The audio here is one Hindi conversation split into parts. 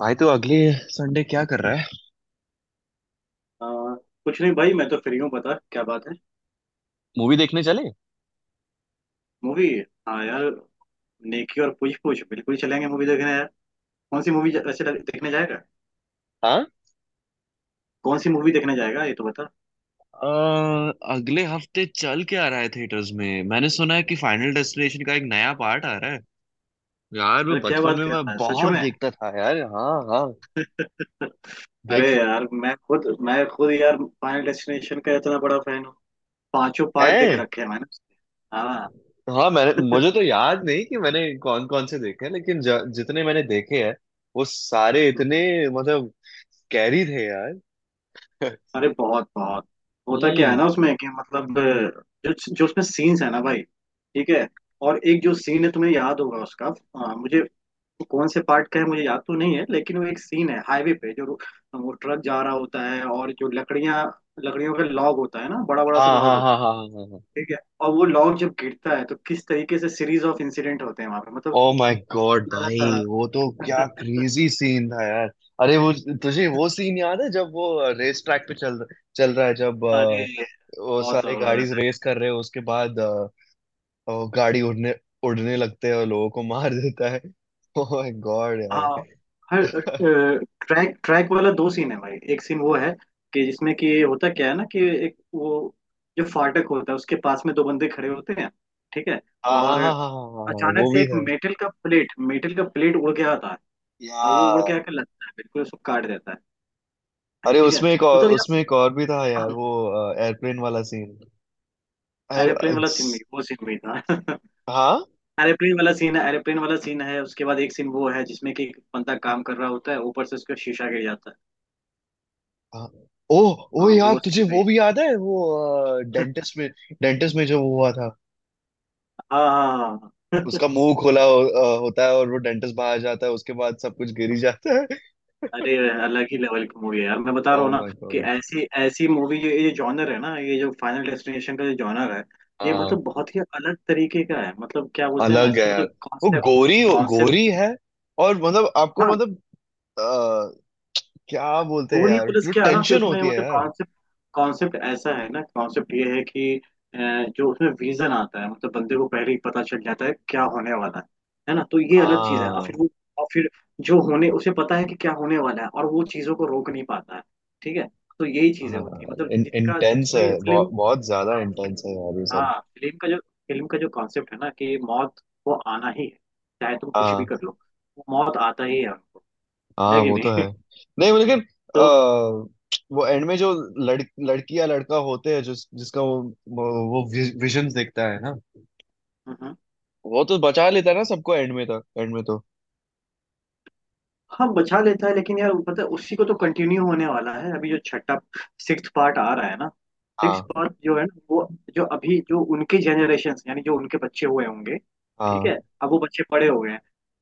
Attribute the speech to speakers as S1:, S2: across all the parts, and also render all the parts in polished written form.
S1: भाई, तो अगले संडे क्या कर रहा है?
S2: आ, कुछ नहीं भाई मैं तो फ्री हूँ। बता क्या बात है।
S1: मूवी देखने चले?
S2: मूवी। हाँ यार। नेकी और पूछ पूछ। बिल्कुल चलेंगे मूवी देखने यार। कौन सी मूवी वैसे देखने जाएगा।
S1: हाँ।
S2: कौन सी मूवी देखने जाएगा ये तो बता।
S1: अ, अगले हफ्ते चल के आ रहा है थिएटर्स में, मैंने सुना है कि फाइनल डेस्टिनेशन का एक नया पार्ट आ रहा है। यार, मैं
S2: अरे क्या
S1: बचपन
S2: बात
S1: में
S2: कर
S1: मैं
S2: रहा है सच
S1: बहुत
S2: में।
S1: देखता था यार। हाँ, हाँ।
S2: अरे
S1: देख।
S2: यार मैं खुद यार फाइनल डेस्टिनेशन का इतना बड़ा फैन हूँ। पांचों पार्ट देख
S1: है।
S2: रखे हैं मैंने उसके। हाँ।
S1: हाँ, मैंने मुझे तो याद नहीं कि मैंने कौन कौन से देखे हैं, लेकिन जितने मैंने देखे हैं वो सारे इतने, मतलब, कैरी थे यार।
S2: अरे बहुत बहुत। होता क्या है
S1: हम्म।
S2: ना उसमें, कि मतलब जो जो उसमें सीन्स है ना भाई। ठीक है। और एक जो सीन है तुम्हें याद होगा उसका। मुझे, कौन से पार्ट का है मुझे याद तो नहीं है, लेकिन वो एक सीन है हाईवे पे जो, वो ट्रक जा रहा होता है और जो लकड़ियां, लकड़ियों का लॉग होता है ना, बड़ा बड़ा सा
S1: हाँ,
S2: लॉग
S1: हाँ,
S2: होता
S1: हाँ,
S2: है।
S1: हाँ, हाँ, हाँ, हाँ।
S2: ठीक है। और वो लॉग जब गिरता है तो किस तरीके से सीरीज ऑफ इंसिडेंट होते हैं वहां पे, मतलब
S1: ओ माय गॉड भाई।
S2: लगातार।
S1: वो तो क्या क्रेजी सीन था यार। अरे वो, तुझे वो सीन याद है, जब वो रेस ट्रैक पे चल चल रहा है, जब
S2: अरे
S1: वो
S2: बहुत
S1: सारे गाड़ी
S2: जबरदस्त।
S1: रेस कर रहे हो, उसके बाद वो गाड़ी उड़ने उड़ने लगते हैं और लोगों को मार देता है। ओ माय गॉड
S2: हाँ,
S1: यार।
S2: हर ट्रैक ट्रैक वाला दो सीन है भाई। एक सीन वो है कि जिसमें कि होता क्या है ना, कि एक वो, जो फाटक होता है उसके पास में दो बंदे खड़े होते हैं। ठीक है।
S1: हाँ, हाँ,
S2: और
S1: हाँ, हाँ, हाँ, हाँ, हाँ,
S2: अचानक
S1: वो
S2: से
S1: भी
S2: एक
S1: था
S2: मेटल का प्लेट उड़ के आता है। और वो उड़ के
S1: यार।
S2: आकर लगता है, बिल्कुल उसको काट देता है।
S1: अरे,
S2: ठीक है, मतलब यार।
S1: उसमें एक और भी था यार, वो एयरप्लेन वाला सीन।
S2: एरोप्लेन वाला सीन भी, वो सीन भी था।
S1: हाँ।
S2: एरोप्लेन वाला सीन है। उसके बाद एक सीन वो है, जिसमें कि एक बंदा काम कर रहा होता है, ऊपर से उसका शीशा गिर जाता है।
S1: हाँ। ओ, ओ
S2: हाँ
S1: यार,
S2: वो
S1: तुझे
S2: सीन।
S1: वो भी याद है, वो डेंटिस्ट में जो हुआ था।
S2: हाँ हाँ हाँ।
S1: उसका मुंह खोला होता है, और वो डेंटिस्ट बाहर जाता है, उसके बाद सब कुछ गिरी जाता है।
S2: अरे अलग ही लेवल की मूवी है यार, मैं बता
S1: ओ
S2: रहा हूँ ना,
S1: माय
S2: कि
S1: गॉड।
S2: ऐसी ऐसी मूवी। जो ये जॉनर है ना, ये जो फाइनल डेस्टिनेशन का जो जॉनर है, ये
S1: हाँ।
S2: मतलब बहुत ही अलग तरीके का है। मतलब क्या बोलते हैं ना
S1: अलग है
S2: इसका,
S1: यार।
S2: मतलब
S1: वो
S2: कॉन्सेप्ट
S1: गोरी
S2: कॉन्सेप्ट
S1: गोरी है, और मतलब, आपको
S2: हाँ।
S1: मतलब, अ, क्या बोलते हैं
S2: पूरी
S1: यार,
S2: पुलिस
S1: जो
S2: क्या है ना, कि
S1: टेंशन
S2: उसमें
S1: होती है
S2: मतलब
S1: यार।
S2: कॉन्सेप्ट कॉन्सेप्ट ऐसा है ना। कॉन्सेप्ट ये है कि अ, जो उसमें विजन आता है, मतलब बंदे को पहले ही पता चल जाता है क्या होने वाला है ना। तो ये अलग चीज है, और फिर
S1: हाँ,
S2: और फिर जो होने, उसे पता है कि क्या होने वाला है, और वो चीजों को रोक नहीं पाता है। ठीक है, तो यही चीजें
S1: हाँ।
S2: होती है, मतलब जिनका
S1: इंटेंस है,
S2: जिसमें
S1: बहुत
S2: फिल्म।
S1: बहुत ज्यादा
S2: हाँ
S1: इंटेंस है
S2: फिल्म।
S1: यार, ये सब।
S2: हाँ, फिल्म का जो कॉन्सेप्ट है ना, कि मौत को आना ही है, चाहे तुम कुछ भी कर
S1: हाँ।
S2: लो, वो मौत आता ही है हमको।
S1: हाँ,
S2: है कि
S1: वो तो
S2: नहीं?
S1: है। नहीं वो, लेकिन
S2: तो।
S1: वो एंड में जो लड़ लड़की या लड़का होते हैं जो, जिसका वो विजन देखता है ना,
S2: हम्म,
S1: वो तो बचा लेता है ना सबको, एंड में, तक एंड में तो।
S2: हाँ बचा लेता है, लेकिन यार पता है, उसी को तो कंटिन्यू होने वाला है। अभी जो छठा सिक्स्थ पार्ट आ रहा है ना,
S1: हाँ,
S2: सिक्स्थ पार्ट जो है ना वो, जो अभी जो उनके जनरेशन, यानी जो उनके बच्चे हुए होंगे, ठीक
S1: हाँ।
S2: है, अब वो बच्चे बड़े हो गए हैं।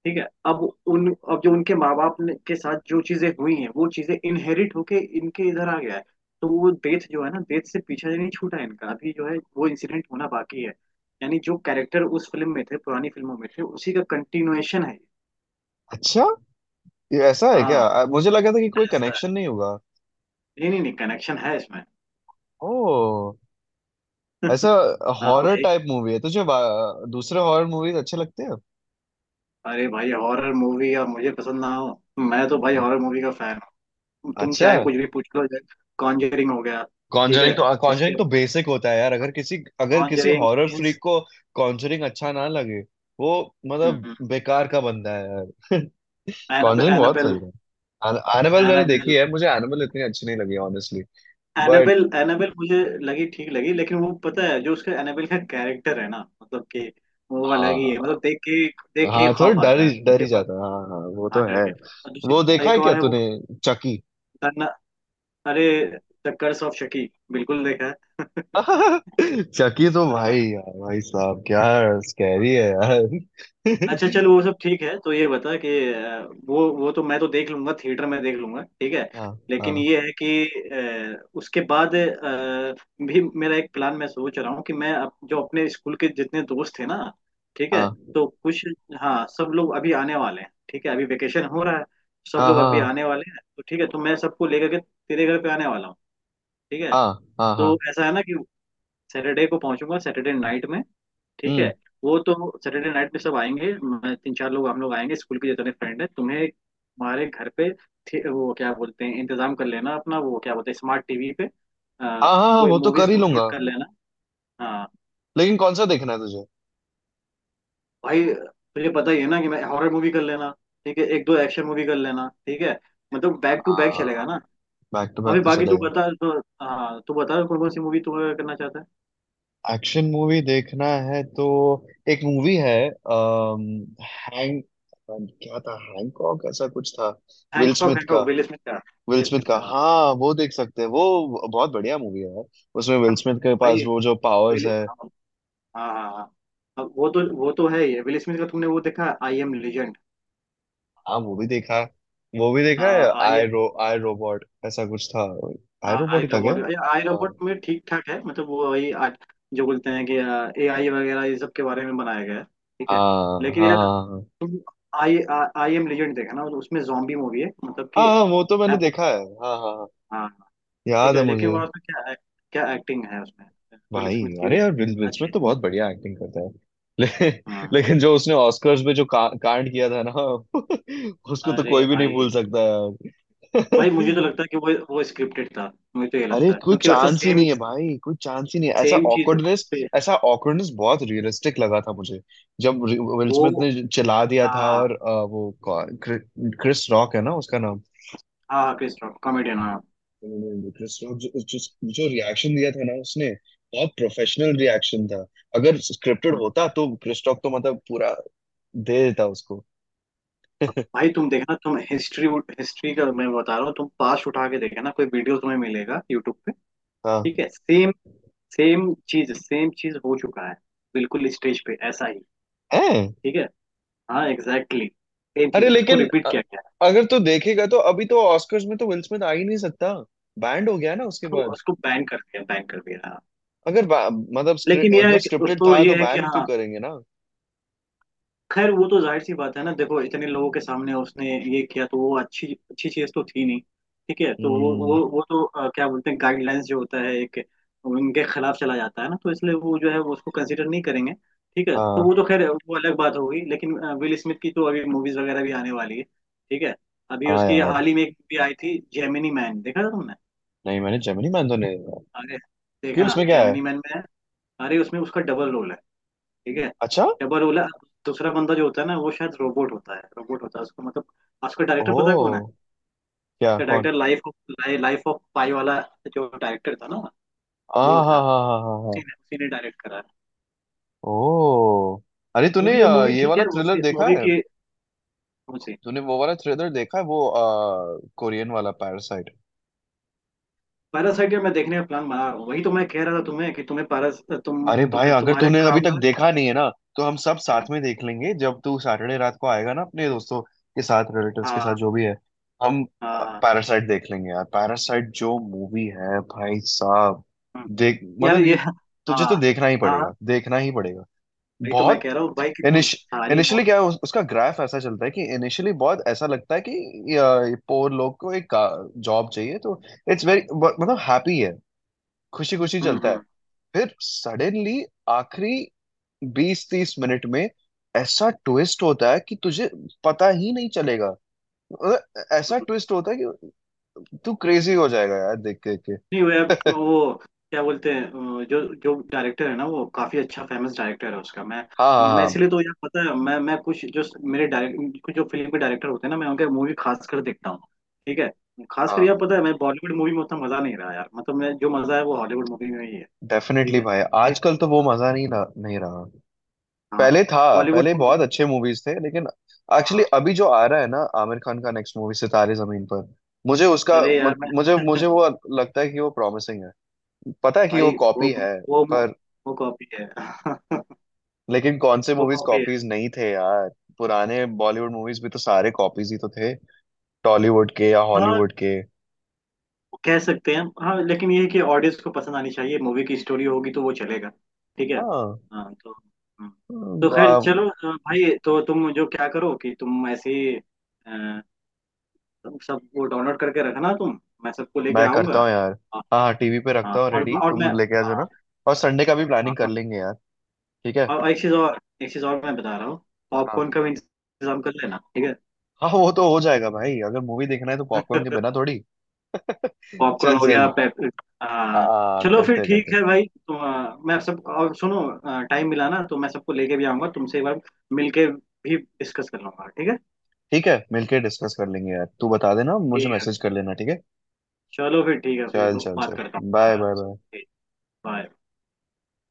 S2: ठीक है। अब उन अब जो उनके माँ बाप ने के साथ जो चीजें हुई हैं, वो चीजें इनहेरिट होके इनके इधर आ गया है। तो वो डेथ जो है ना, डेथ से पीछा नहीं छूटा है इनका। अभी जो है वो इंसिडेंट होना बाकी है। यानी जो कैरेक्टर उस फिल्म में थे, पुरानी फिल्मों में थे, उसी का कंटिन्यूएशन है।
S1: अच्छा, ये ऐसा है क्या?
S2: हाँ।
S1: मुझे लगा था कि कोई
S2: ऐसा?
S1: कनेक्शन नहीं होगा।
S2: नहीं नहीं नहीं, कनेक्शन है इसमें।
S1: ओ। ऐसा।
S2: हाँ
S1: हॉरर
S2: भाई।
S1: टाइप मूवी है, तुझे दूसरे हॉरर मूवीज अच्छे लगते हैं?
S2: अरे भाई, हॉरर मूवी और मुझे पसंद ना हो? मैं तो भाई हॉरर मूवी का फैन हूँ, तुम
S1: अच्छा।
S2: चाहे कुछ भी पूछ लो। कॉन्जरिंग हो गया। ठीक
S1: कॉन्जरिंग
S2: है,
S1: तो
S2: उसके
S1: कॉन्जरिंग तो
S2: बाद
S1: बेसिक होता है यार, अगर किसी
S2: कॉन्जरिंग,
S1: हॉरर
S2: इंस
S1: फ्रीक को कॉन्जरिंग अच्छा ना लगे वो, मतलब, बेकार का बंदा है यार।
S2: एनाबेल
S1: कॉन्जरिंग बहुत
S2: एनाबेल
S1: सही था। एनिमल मैंने देखी
S2: एनाबेल
S1: है, मुझे एनिमल इतनी अच्छी नहीं लगी ऑनेस्टली। बट
S2: एनाबेल एनाबेल मुझे लगी, ठीक लगी, लेकिन वो पता है, जो उसका एनाबेल का कैरेक्टर है ना, मतलब कि वो अलग ही है,
S1: हाँ,
S2: मतलब देख के ही
S1: हाँ, थोड़ा
S2: खौफ आता है।
S1: डर
S2: उसके
S1: ही
S2: बाद
S1: जाता है। हाँ, हाँ, वो
S2: हाँ,
S1: तो
S2: डर
S1: है।
S2: के। और
S1: वो
S2: दूसरी
S1: देखा
S2: एक
S1: है क्या
S2: और है, वो
S1: तूने, चकी?
S2: दन्ना- अरे, द कर्स ऑफ शकी बिल्कुल देखा है।
S1: चकी तो भाई
S2: हाँ,
S1: यार, भाई साहब, क्या स्कैरी है यार।
S2: अच्छा चलो, वो सब ठीक है, तो ये बता कि अ, वो तो मैं तो देख लूंगा, थिएटर में देख लूंगा ठीक है।
S1: हाँ,
S2: लेकिन
S1: हाँ,
S2: ये है कि उसके बाद भी मेरा एक प्लान, मैं सोच रहा हूँ कि मैं जो अपने स्कूल के जितने दोस्त हैं ना, ठीक है,
S1: हाँ,
S2: तो कुछ, हाँ, सब लोग अभी आने वाले हैं, ठीक है, अभी वेकेशन हो रहा है। सब
S1: हाँ,
S2: लोग अभी
S1: हाँ,
S2: आने वाले हैं, तो ठीक है, तो मैं सबको लेकर के तेरे घर पे आने वाला हूँ। ठीक है,
S1: हाँ, हाँ, हाँ,
S2: तो
S1: हाँ,
S2: ऐसा है ना, कि सैटरडे को पहुंचूंगा, सैटरडे नाइट में। ठीक है। वो तो सैटरडे नाइट में सब आएंगे, तीन चार लोग हम लोग आएंगे, स्कूल के जितने फ्रेंड हैं, तुम्हें हमारे घर पे वो क्या बोलते हैं, इंतजाम कर लेना अपना, वो क्या बोलते हैं, स्मार्ट टीवी पे आ,
S1: हाँ, हाँ, हाँ,
S2: कोई
S1: वो तो
S2: मूवीज
S1: कर ही
S2: डाउनलोड
S1: लूंगा।
S2: कर लेना। हाँ
S1: लेकिन कौन सा देखना है तुझे?
S2: भाई, तुझे पता ही है ना कि मैं, हॉरर मूवी कर लेना, ठीक है, एक दो एक्शन मूवी कर लेना, ठीक है, मतलब बैक टू बैक चलेगा
S1: हाँ,
S2: ना।
S1: बैक टू बैक
S2: अभी
S1: तो
S2: बाकी तू
S1: चलेगा।
S2: बता तो। हाँ तू बता, कौन कौन सी मूवी तू करना चाहता है।
S1: एक्शन मूवी देखना है तो एक मूवी है, हैंग क्या था, हैंकॉक ऐसा कुछ था, विल
S2: हैंकॉक,
S1: स्मिथ का।
S2: हैंकॉक विल स्मिथ का,
S1: विल
S2: विल
S1: स्मिथ
S2: स्मिथ
S1: का,
S2: का
S1: हाँ, वो देख सकते हैं, वो बहुत बढ़िया मूवी है यार। उसमें विल
S2: हाँ।
S1: स्मिथ के
S2: भाई
S1: पास वो जो पावर्स
S2: विल
S1: है।
S2: हाँ, हाँ हाँ हाँ। अब वो तो है ही है विल स्मिथ का। तुमने वो देखा, आई एम लेजेंड?
S1: हाँ, वो भी देखा है। वो भी देखा है।
S2: आई एम
S1: आई रोबोट ऐसा कुछ था, आई रोबोट
S2: आई
S1: ही था क्या?
S2: रोबोट आई
S1: हाँ,
S2: रोबोट में ठीक ठाक है, मतलब वो वही आज जो बोलते हैं कि ए आई वगैरह, ये सब के बारे में बनाया गया है। ठीक है,
S1: हाँ,
S2: लेकिन यार
S1: हाँ, हाँ,
S2: तुम आई आई एम लेजेंड देखा ना, तो उसमें जॉम्बी मूवी है, मतलब
S1: हाँ,
S2: कि
S1: हाँ, हाँ, वो तो मैंने
S2: एप।
S1: देखा है, हाँ, हाँ, हाँ,
S2: हाँ हाँ। ठीक
S1: याद है
S2: है, लेकिन
S1: मुझे।
S2: वो उसमें क्या क्या एक्टिंग है, उसमें विल
S1: भाई,
S2: स्मिथ की भी
S1: अरे यार, विल विल स्मिथ
S2: अच्छी है।
S1: तो बहुत बढ़िया एक्टिंग करता है। ले,
S2: हाँ।
S1: लेकिन जो उसने ऑस्कर्स में जो कांड किया था ना, उसको तो
S2: अरे
S1: कोई भी नहीं
S2: भाई
S1: भूल सकता यार।
S2: भाई मुझे तो लगता है कि वो स्क्रिप्टेड था, मुझे तो ये
S1: अरे
S2: लगता है,
S1: कोई
S2: क्योंकि वैसा
S1: चांस ही
S2: सेम
S1: नहीं है भाई, कोई चांस ही नहीं है, ऐसा
S2: सेम चीज
S1: ऑकवर्डनेस,
S2: से
S1: ऐसा ऑकवर्डनेस बहुत रियलिस्टिक लगा था मुझे। जब विल स्मिथ
S2: वो।
S1: ने चिल्ला दिया था
S2: हाँ
S1: और वो क्रिस रॉक है ना उसका नाम,
S2: हाँ, क्रिस रॉक कॉमेडियन हाँ
S1: क्रिस रॉक, जो जो जो रिएक्शन दिया था ना उसने, बहुत प्रोफेशनल रिएक्शन था। अगर स्क्रिप्टेड
S2: हम्म।
S1: होता तो क्रिस रॉक तो, मतलब, पूरा दे देता उसको।
S2: भाई तुम देखना, तुम हिस्ट्री हिस्ट्री का मैं बता रहा हूँ, तुम पास उठा के देखना, कोई वीडियो तुम्हें मिलेगा यूट्यूब पे।
S1: हाँ।
S2: ठीक है, सेम सेम चीज, सेम चीज हो चुका है, बिल्कुल स्टेज पे ऐसा ही।
S1: हैं?
S2: ठीक है। हाँ एग्जैक्टली, सेम
S1: अरे,
S2: चीज उसको
S1: लेकिन
S2: रिपीट किया गया है।
S1: अगर तू देखेगा तो अभी तो ऑस्कर्स में तो विल स्मिथ आ ही नहीं सकता, बैंड हो गया ना उसके
S2: तो
S1: बाद।
S2: उसको बैन कर दिया, बैन कर दिया हाँ।
S1: अगर बा- मतलब
S2: लेकिन यह
S1: अगर
S2: है कि
S1: स्क्रिप्टेड
S2: उसको,
S1: था तो
S2: ये है कि
S1: बैन क्यों
S2: हाँ,
S1: करेंगे ना?
S2: खैर वो तो जाहिर सी बात है ना, देखो, इतने लोगों के सामने उसने ये किया, तो वो अच्छी अच्छी चीज तो थी नहीं। ठीक है, तो वो
S1: हम्म,
S2: वो वो तो क्या बोलते हैं, गाइडलाइंस जो होता है एक, उनके खिलाफ चला जाता है ना, तो इसलिए वो जो है वो उसको कंसिडर नहीं करेंगे। ठीक है, तो
S1: हाँ,
S2: वो तो खैर वो अलग बात होगी, लेकिन विल स्मिथ की तो अभी मूवीज वगैरह भी आने वाली है, ठीक है। अभी
S1: हाँ
S2: उसकी
S1: यार।
S2: हाल ही में एक भी आई थी, जेमिनी मैन, देखा था तुमने?
S1: नहीं, मैंने जेमिनी मैन तो नहीं देखा।
S2: अरे
S1: क्यों,
S2: देखना,
S1: उसमें क्या है?
S2: जेमिनी मैन में है। अरे उसमें उसका डबल रोल है। ठीक है,
S1: अच्छा।
S2: डबल ओला, दूसरा बंदा जो होता है ना, वो शायद रोबोट होता है, रोबोट होता है उसको मतलब। आज उसका डायरेक्टर पता है कौन है?
S1: ओ। क्या?
S2: उसका
S1: कौन?
S2: डायरेक्टर, लाइफ ऑफ पाई वाला जो डायरेक्टर था ना,
S1: हाँ,
S2: वो
S1: हाँ,
S2: था।
S1: हाँ, हाँ, हाँ,
S2: उसी
S1: हाँ।
S2: ने उसी ने डायरेक्ट करा है।
S1: ओह, अरे तूने
S2: मूवी मूवी
S1: ये
S2: ठीक
S1: वाला
S2: है,
S1: थ्रिलर
S2: उसी
S1: देखा
S2: मूवी
S1: है?
S2: की, उसी
S1: तूने वो वाला थ्रिलर देखा है, वो कोरियन वाला, पैरासाइट?
S2: पैरासाइट। मैं देखने का प्लान बना रहा हूँ, वही तो मैं कह रहा था तुम्हें, कि तुम्हें पैरा तुम
S1: अरे भाई, अगर
S2: तुम्हारे
S1: तूने
S2: घर
S1: अभी तक
S2: आऊंगा।
S1: देखा नहीं है ना, तो हम सब साथ में देख लेंगे जब तू सैटरडे रात को आएगा ना अपने दोस्तों के साथ, रिलेटिव्स के साथ,
S2: हाँ
S1: जो भी है। हम
S2: हाँ हाँ
S1: पैरासाइट देख लेंगे यार। पैरासाइट जो मूवी है भाई साहब,
S2: हम्म।
S1: देख,
S2: यार
S1: मतलब,
S2: ये,
S1: यू,
S2: हाँ
S1: तुझे तो देखना ही
S2: हाँ
S1: पड़ेगा,
S2: हाँ,
S1: देखना ही पड़ेगा,
S2: वही तो मैं
S1: बहुत।
S2: कह रहा हूँ भाई कि तुम सारी
S1: इनिशियली क्या है, उसका ग्राफ ऐसा चलता है कि इनिशियली बहुत ऐसा लगता है कि ये पोर लोग को एक जॉब चाहिए तो इट्स वेरी, मतलब, हैप्पी है, खुशी खुशी चलता है।
S2: हम्म।
S1: फिर सडनली आखिरी 20-30 मिनट में ऐसा ट्विस्ट होता है कि तुझे पता ही नहीं चलेगा। मतलब ऐसा ट्विस्ट होता है कि तू क्रेजी हो जाएगा यार देख के।
S2: नहीं वो यार, वो क्या बोलते हैं, जो जो डायरेक्टर है ना, वो काफी अच्छा फेमस डायरेक्टर है उसका। मैं
S1: हाँ, हाँ,
S2: मैं
S1: हाँ,
S2: इसलिए तो यार पता है, मैं कुछ जो मेरे डायरेक्ट, कुछ जो फिल्म के डायरेक्टर होते हैं ना, मैं उनके मूवी खास कर देखता हूँ। ठीक है, खास कर
S1: हाँ,
S2: यार पता है, मैं बॉलीवुड मूवी में उतना मजा नहीं रहा यार, मतलब मैं, जो मजा है वो हॉलीवुड मूवी में ही है। ठीक
S1: डेफिनेटली
S2: है,
S1: भाई,
S2: एक-
S1: आजकल तो वो मजा नहीं रहा, नहीं रहा।
S2: हाँ।
S1: पहले था,
S2: बॉलीवुड
S1: पहले
S2: मूवी,
S1: बहुत अच्छे मूवीज थे लेकिन एक्चुअली
S2: हाँ
S1: अभी जो आ रहा है ना, आमिर खान का नेक्स्ट मूवी, सितारे जमीन पर, मुझे उसका,
S2: अरे यार
S1: मत-
S2: मैं
S1: मुझे मुझे वो लगता है कि वो प्रॉमिसिंग है। पता है कि वो
S2: भाई
S1: कॉपी है,
S2: वो
S1: पर
S2: वो कॉपी है।
S1: लेकिन कौन से
S2: वो
S1: मूवीज
S2: कॉपी है।
S1: कॉपीज नहीं थे यार? पुराने बॉलीवुड मूवीज भी तो सारे कॉपीज ही तो थे, टॉलीवुड के या
S2: हाँ,
S1: हॉलीवुड के।
S2: कह सकते हैं हाँ, लेकिन ये है कि ऑडियंस को पसंद आनी चाहिए, मूवी की स्टोरी होगी तो वो चलेगा। ठीक है।
S1: हाँ।
S2: हाँ तो। हाँ। तो खैर
S1: आ,
S2: चलो, भाई तो तुम जो क्या करो, कि तुम ऐसे ही अ, तुम सब वो डाउनलोड करके रखना तुम, मैं सबको लेके
S1: मैं
S2: आऊंगा।
S1: करता हूँ यार।
S2: हाँ
S1: हाँ, हाँ, टीवी पे
S2: हाँ,
S1: रखता हूँ
S2: और
S1: रेडी,
S2: और मैं,
S1: तुम लेके आ
S2: हाँ
S1: जाना। और संडे का भी
S2: हाँ,
S1: प्लानिंग कर
S2: और,
S1: लेंगे यार। ठीक
S2: और एक चीज, और एक चीज और मैं बता रहा हूँ,
S1: है।
S2: पॉपकॉर्न का भी इंतजाम कर लेना ठीक
S1: हाँ, वो तो हो जाएगा भाई, अगर मूवी देखना है तो पॉपकॉर्न
S2: है।
S1: के बिना थोड़ी।
S2: पॉपकॉर्न
S1: चल
S2: हो गया,
S1: चल।
S2: पेप
S1: आ,
S2: हाँ।
S1: आ,
S2: चलो फिर
S1: करते करते।
S2: ठीक है भाई। तो मैं सब, और सुनो, टाइम मिला ना तो मैं सबको लेके भी आऊंगा, तुमसे एक बार मिलके भी डिस्कस कर लूंगा ठीक है।
S1: ठीक है, मिलके डिस्कस कर लेंगे यार, तू बता देना, मुझे
S2: ठीक है,
S1: मैसेज कर लेना, ठीक है।
S2: चलो फिर ठीक है फिर,
S1: चल चल
S2: बात
S1: चल।
S2: करता हूँ
S1: बाय
S2: आराम
S1: बाय
S2: से।
S1: बाय।
S2: ठीक, bye.